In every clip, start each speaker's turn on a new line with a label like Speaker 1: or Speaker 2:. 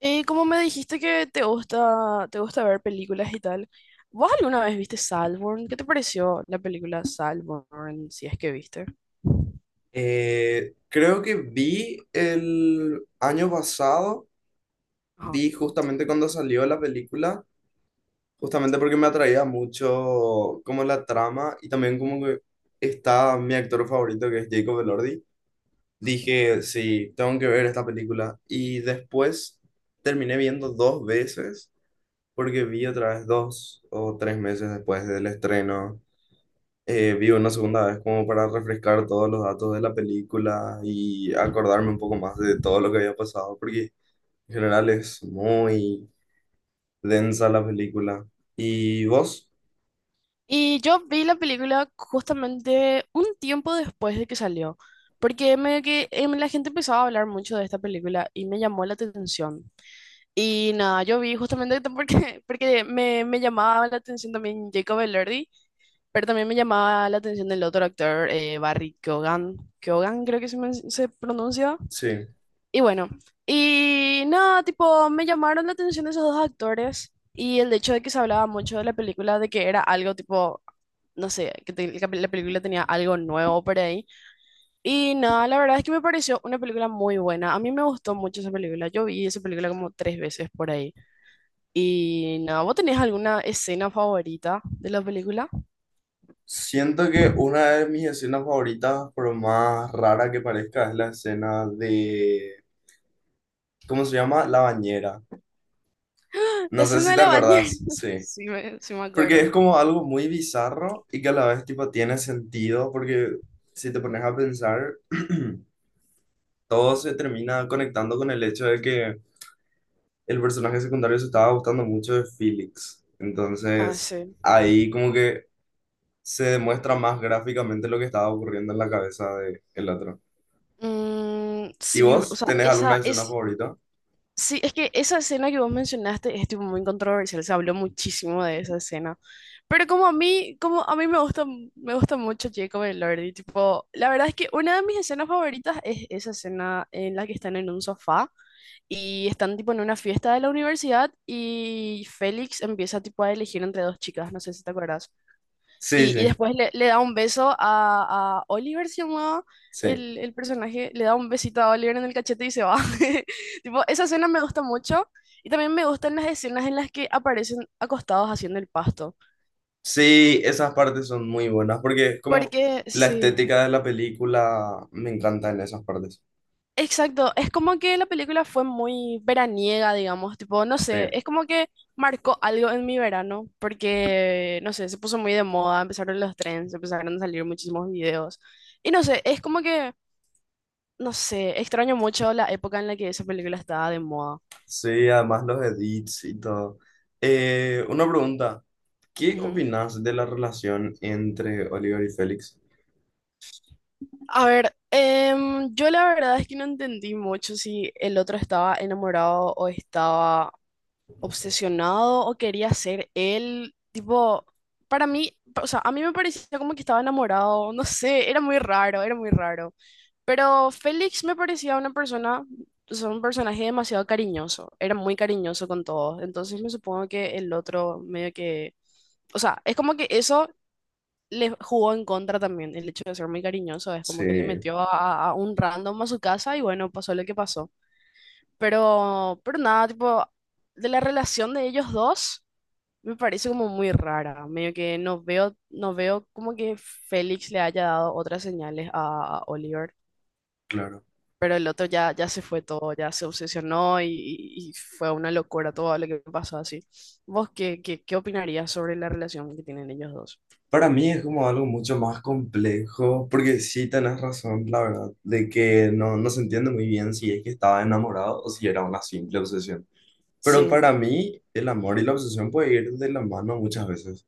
Speaker 1: Y como me dijiste que te gusta ver películas y tal, ¿vos alguna vez viste Saltburn? ¿Qué te pareció la película Saltburn, si es que viste?
Speaker 2: Creo que vi el año pasado,
Speaker 1: Ajá.
Speaker 2: vi justamente cuando salió la película, justamente porque me atraía mucho como la trama y también como que está mi actor favorito, que es Jacob Elordi. Dije, sí, tengo que ver esta película. Y después terminé viendo dos veces porque vi otra vez dos o tres meses después del estreno. Vi una segunda vez como para refrescar todos los datos de la película y acordarme
Speaker 1: Ujú.
Speaker 2: un poco más de todo lo que había pasado, porque en general es muy densa la película. ¿Y vos?
Speaker 1: Y yo vi la película justamente un tiempo después de que salió, porque la gente empezaba a hablar mucho de esta película y me llamó la atención. Y nada, yo vi justamente porque, porque me llamaba la atención también Jacob Elordi. Pero también me llamaba la atención el otro actor, Barry Keoghan. Keoghan creo que se pronuncia.
Speaker 2: Sí.
Speaker 1: Y bueno, y nada, tipo, me llamaron la atención esos dos actores y el hecho de que se hablaba mucho de la película, de que era algo tipo, no sé, que la película tenía algo nuevo por ahí. Y nada, la verdad es que me pareció una película muy buena. A mí me gustó mucho esa película. Yo vi esa película como tres veces por ahí. Y nada, ¿vos tenés alguna escena favorita de la película?
Speaker 2: Siento que una de mis escenas favoritas, por más rara que parezca, es la escena de, ¿cómo se llama? La bañera.
Speaker 1: La
Speaker 2: No sé
Speaker 1: escena
Speaker 2: si
Speaker 1: de
Speaker 2: te
Speaker 1: la bañera.
Speaker 2: acordás, sí.
Speaker 1: Sí me
Speaker 2: Porque
Speaker 1: acuerdo.
Speaker 2: es como algo muy bizarro y que a la vez tipo tiene sentido, porque si te pones a pensar, todo se termina conectando con el hecho de que el personaje secundario se estaba gustando mucho de Felix.
Speaker 1: Ah,
Speaker 2: Entonces,
Speaker 1: sí.
Speaker 2: ahí como que se demuestra más gráficamente lo que estaba ocurriendo en la cabeza de el otro.
Speaker 1: Mm,
Speaker 2: ¿Y
Speaker 1: sí, o
Speaker 2: vos
Speaker 1: sea,
Speaker 2: tenés alguna
Speaker 1: esa
Speaker 2: escena
Speaker 1: es...
Speaker 2: favorita?
Speaker 1: Sí, es que esa escena que vos mencionaste es tipo muy controversial, se habló muchísimo de esa escena. Pero como a mí me gusta mucho Jacob y Lordy, tipo, la verdad es que una de mis escenas favoritas es esa escena en la que están en un sofá y están tipo en una fiesta de la universidad y Félix empieza tipo a elegir entre dos chicas, no sé si te acuerdas.
Speaker 2: Sí,
Speaker 1: Y
Speaker 2: sí,
Speaker 1: después le da un beso a Oliver, se llamaba
Speaker 2: sí.
Speaker 1: el personaje, le da un besito a Oliver en el cachete y se va. Tipo, esa escena me gusta mucho y también me gustan las escenas en las que aparecen acostados haciendo el pasto.
Speaker 2: Sí, esas partes son muy buenas porque es como
Speaker 1: Porque,
Speaker 2: la
Speaker 1: sí,
Speaker 2: estética de la película me encanta en esas partes.
Speaker 1: exacto, es como que la película fue muy veraniega, digamos, tipo, no sé,
Speaker 2: Sí.
Speaker 1: es como que marcó algo en mi verano, porque, no sé, se puso muy de moda, empezaron los trends, empezaron a salir muchísimos videos. Y no sé, es como que no sé, extraño mucho la época en la que esa película estaba de moda.
Speaker 2: Sí, además los edits y todo. Una pregunta, ¿qué
Speaker 1: Ujú.
Speaker 2: opinas de la relación entre Oliver y Félix?
Speaker 1: A ver, yo la verdad es que no entendí mucho si el otro estaba enamorado o estaba obsesionado o quería ser él, tipo, para mí, o sea, a mí me parecía como que estaba enamorado, no sé, era muy raro, era muy raro. Pero Félix me parecía una persona, o sea, un personaje demasiado cariñoso, era muy cariñoso con todos, entonces me supongo que el otro medio que, o sea, es como que eso le jugó en contra también, el hecho de ser muy cariñoso, es como que le
Speaker 2: Sí,
Speaker 1: metió a un random a su casa y bueno, pasó lo que pasó. Pero nada, tipo, de la relación de ellos dos, me parece como muy rara. Medio que no veo, no veo como que Félix le haya dado otras señales a Oliver.
Speaker 2: claro.
Speaker 1: Pero el otro ya, ya se fue todo, ya se obsesionó y y fue una locura todo lo que pasó así. ¿Vos qué opinarías sobre la relación que tienen ellos dos?
Speaker 2: Para mí es como algo mucho más complejo, porque sí tenés razón, la verdad, de que no, no se entiende muy bien si es que estaba enamorado o si era una simple obsesión. Pero
Speaker 1: Sí,
Speaker 2: para mí el amor y la obsesión puede ir de la mano muchas veces.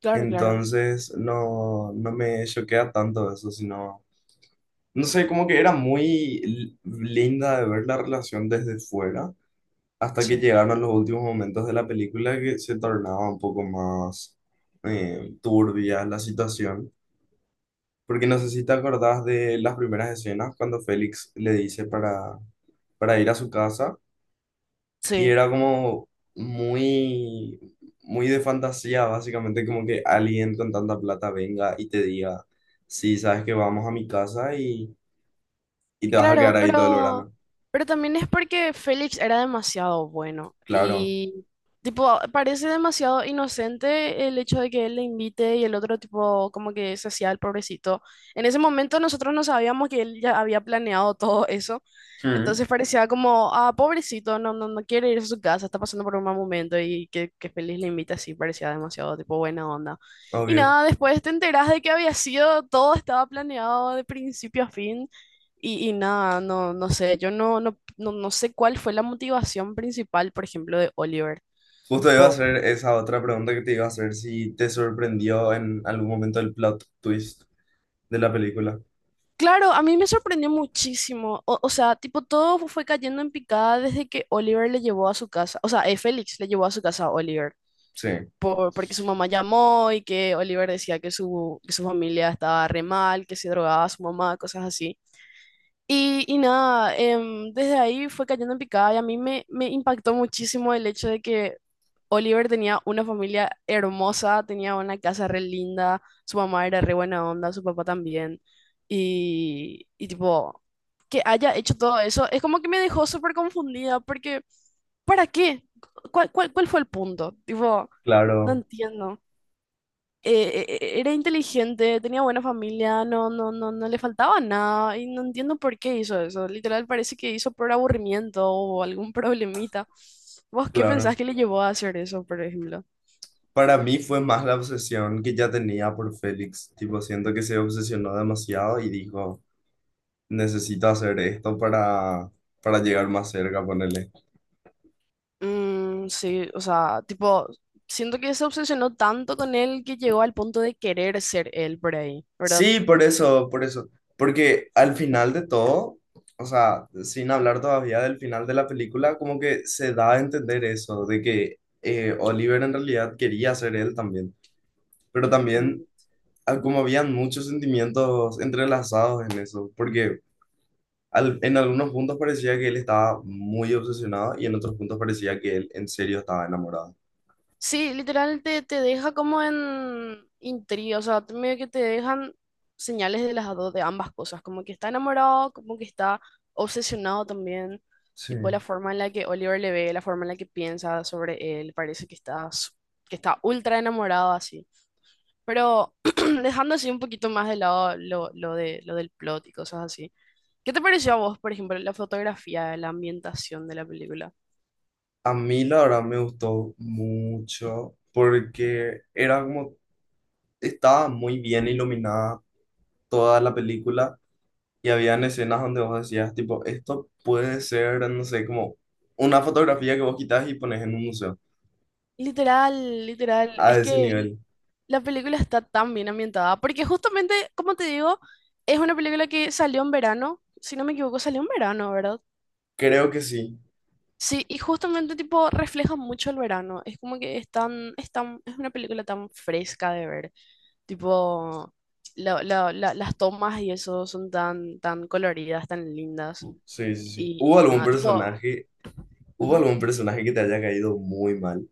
Speaker 1: claro, claro.
Speaker 2: Entonces no, no me choquea tanto eso, sino… No sé, como que era muy linda de ver la relación desde fuera, hasta que
Speaker 1: Sí,
Speaker 2: llegaron los últimos momentos de la película, que se tornaba un poco más turbia la situación. Porque no sé si te acordás de las primeras escenas cuando Félix le dice para ir a su casa, y
Speaker 1: sí.
Speaker 2: era como muy, muy de fantasía, básicamente como que alguien con tanta plata venga y te diga, sí, sabes que vamos a mi casa y te vas a quedar
Speaker 1: Claro,
Speaker 2: ahí todo el verano.
Speaker 1: pero también es porque Félix era demasiado bueno
Speaker 2: Claro.
Speaker 1: y tipo parece demasiado inocente el hecho de que él le invite y el otro tipo como que se hacía el pobrecito. En ese momento nosotros no sabíamos que él ya había planeado todo eso,
Speaker 2: Mm.
Speaker 1: entonces parecía como, ah, pobrecito, no, no, no quiere ir a su casa, está pasando por un mal momento y que Félix le invita así, parecía demasiado tipo buena onda. Y
Speaker 2: Obvio.
Speaker 1: nada, después te enterás de que había sido, todo estaba planeado de principio a fin. Y nada, no, no sé, yo no, no, no, no sé cuál fue la motivación principal, por ejemplo, de Oliver.
Speaker 2: Justo iba a
Speaker 1: Tipo,
Speaker 2: hacer esa otra pregunta que te iba a hacer, si te sorprendió en algún momento el plot twist de la película.
Speaker 1: claro, a mí me sorprendió muchísimo. O sea, tipo, todo fue cayendo en picada desde que Oliver le llevó a su casa. O sea, Félix le llevó a su casa a Oliver.
Speaker 2: Sí,
Speaker 1: Por- porque su mamá llamó y que Oliver decía que que su familia estaba re mal, que se drogaba su mamá, cosas así. Y nada, desde ahí fue cayendo en picada y a mí me impactó muchísimo el hecho de que Oliver tenía una familia hermosa, tenía una casa re linda, su mamá era re buena onda, su papá también. Y tipo, que haya hecho todo eso, es como que me dejó súper confundida porque, ¿para qué? Cuál fue el punto? Tipo, no
Speaker 2: claro,
Speaker 1: entiendo. Era inteligente, tenía buena familia, no, no, no, no le faltaba nada y no entiendo por qué hizo eso. Literal parece que hizo por aburrimiento o algún problemita. ¿Vos qué
Speaker 2: claro.
Speaker 1: pensás que le llevó a hacer eso, por ejemplo?
Speaker 2: Para mí fue más la obsesión que ya tenía por Félix. Tipo, siento que se obsesionó demasiado y dijo, necesito hacer esto para llegar más cerca, ponele.
Speaker 1: Mm, sí, o sea, tipo, siento que se obsesionó tanto con él que llegó al punto de querer ser él por ahí, ¿verdad?
Speaker 2: Sí, por eso, por eso. Porque al final de todo, o sea, sin hablar todavía del final de la película, como que se da a entender eso, de que Oliver en realidad quería ser él también. Pero también,
Speaker 1: Mm.
Speaker 2: ah, como habían muchos sentimientos entrelazados en eso, porque al- en algunos puntos parecía que él estaba muy obsesionado y en otros puntos parecía que él en serio estaba enamorado.
Speaker 1: Sí, literal te deja como en intriga, o sea, medio que te dejan señales de las dos, de ambas cosas, como que está enamorado, como que está obsesionado también, tipo
Speaker 2: Sí.
Speaker 1: la forma en la que Oliver le ve, la forma en la que piensa sobre él, parece que que está ultra enamorado así, pero dejando así un poquito más de lado lo del plot y cosas así. ¿Qué te pareció a vos, por ejemplo, la fotografía, la ambientación de la película?
Speaker 2: A mí la verdad me gustó mucho porque era como estaba muy bien iluminada toda la película, y habían escenas donde vos decías, tipo, esto puede ser, no sé, como una fotografía que vos quitas y pones en un museo,
Speaker 1: Literal, literal.
Speaker 2: a
Speaker 1: Es
Speaker 2: ese
Speaker 1: que
Speaker 2: nivel.
Speaker 1: la película está tan bien ambientada, porque justamente, como te digo, es una película que salió en verano, si no me equivoco, salió en verano, ¿verdad?
Speaker 2: Creo que sí,
Speaker 1: Sí, y justamente tipo refleja mucho el verano, es como que es una película tan fresca de ver, tipo las tomas y eso son tan, tan coloridas, tan lindas,
Speaker 2: sí, sí, sí.
Speaker 1: y nada, tipo...
Speaker 2: Hubo
Speaker 1: Ujú.
Speaker 2: algún personaje que te haya caído muy mal?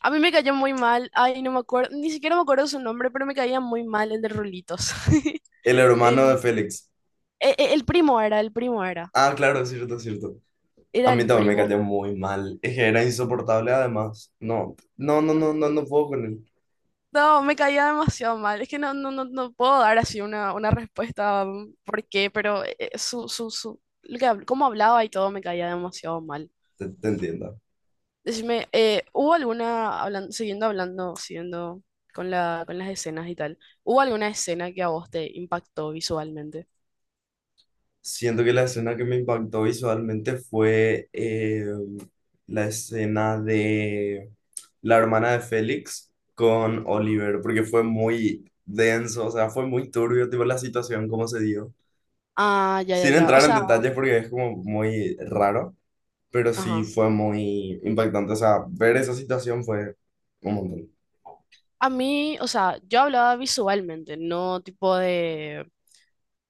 Speaker 1: A mí me cayó muy mal, ay, no me acuerdo, ni siquiera me acuerdo su nombre, pero me caía muy mal el de Rulitos.
Speaker 2: El hermano de
Speaker 1: El,
Speaker 2: Félix.
Speaker 1: el primo era, el primo era,
Speaker 2: Ah, claro, es cierto, es cierto. A
Speaker 1: era
Speaker 2: mí
Speaker 1: el
Speaker 2: también me
Speaker 1: primo.
Speaker 2: cayó muy mal. Es que era insoportable además. No, no, no, no, no, no puedo con él.
Speaker 1: No, me caía demasiado mal. Es que no, no, no, no puedo dar así una respuesta mm, por qué, pero su, lo que, cómo hablaba y todo me caía demasiado mal.
Speaker 2: Te entiendo.
Speaker 1: Decime, ¿hubo alguna, hablando, siguiendo con la, con las escenas y tal, ¿hubo alguna escena que a vos te impactó visualmente?
Speaker 2: Siento que la escena que me impactó visualmente fue la escena de la hermana de Félix con
Speaker 1: Ajá.
Speaker 2: Oliver, porque fue muy denso, o sea, fue muy turbio, tipo, la situación, cómo se dio.
Speaker 1: Ah, ya, ya,
Speaker 2: Sin
Speaker 1: ya. O
Speaker 2: entrar en
Speaker 1: sea,
Speaker 2: detalles porque es como muy raro, pero sí
Speaker 1: ajá.
Speaker 2: fue muy impactante, o sea, ver esa situación fue un montón.
Speaker 1: A mí, o sea, yo hablaba visualmente, no tipo de...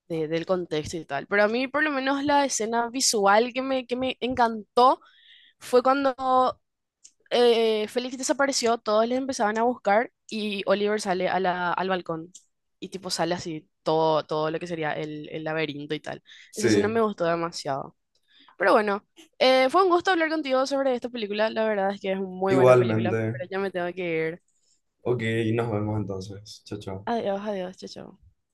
Speaker 1: del contexto y tal. Pero a mí por lo menos la escena visual que que me encantó fue cuando Félix desapareció, todos le empezaban a buscar y Oliver sale a al balcón y tipo sale así todo, todo lo que sería el laberinto y tal. Esa escena
Speaker 2: Sí,
Speaker 1: me gustó demasiado. Pero bueno, fue un gusto hablar contigo sobre esta película. La verdad es que es una muy buena película,
Speaker 2: igualmente.
Speaker 1: pero ya me tengo que ir.
Speaker 2: Ok, nos vemos entonces. Chao, chao.
Speaker 1: Adiós, adiós, chao, chao.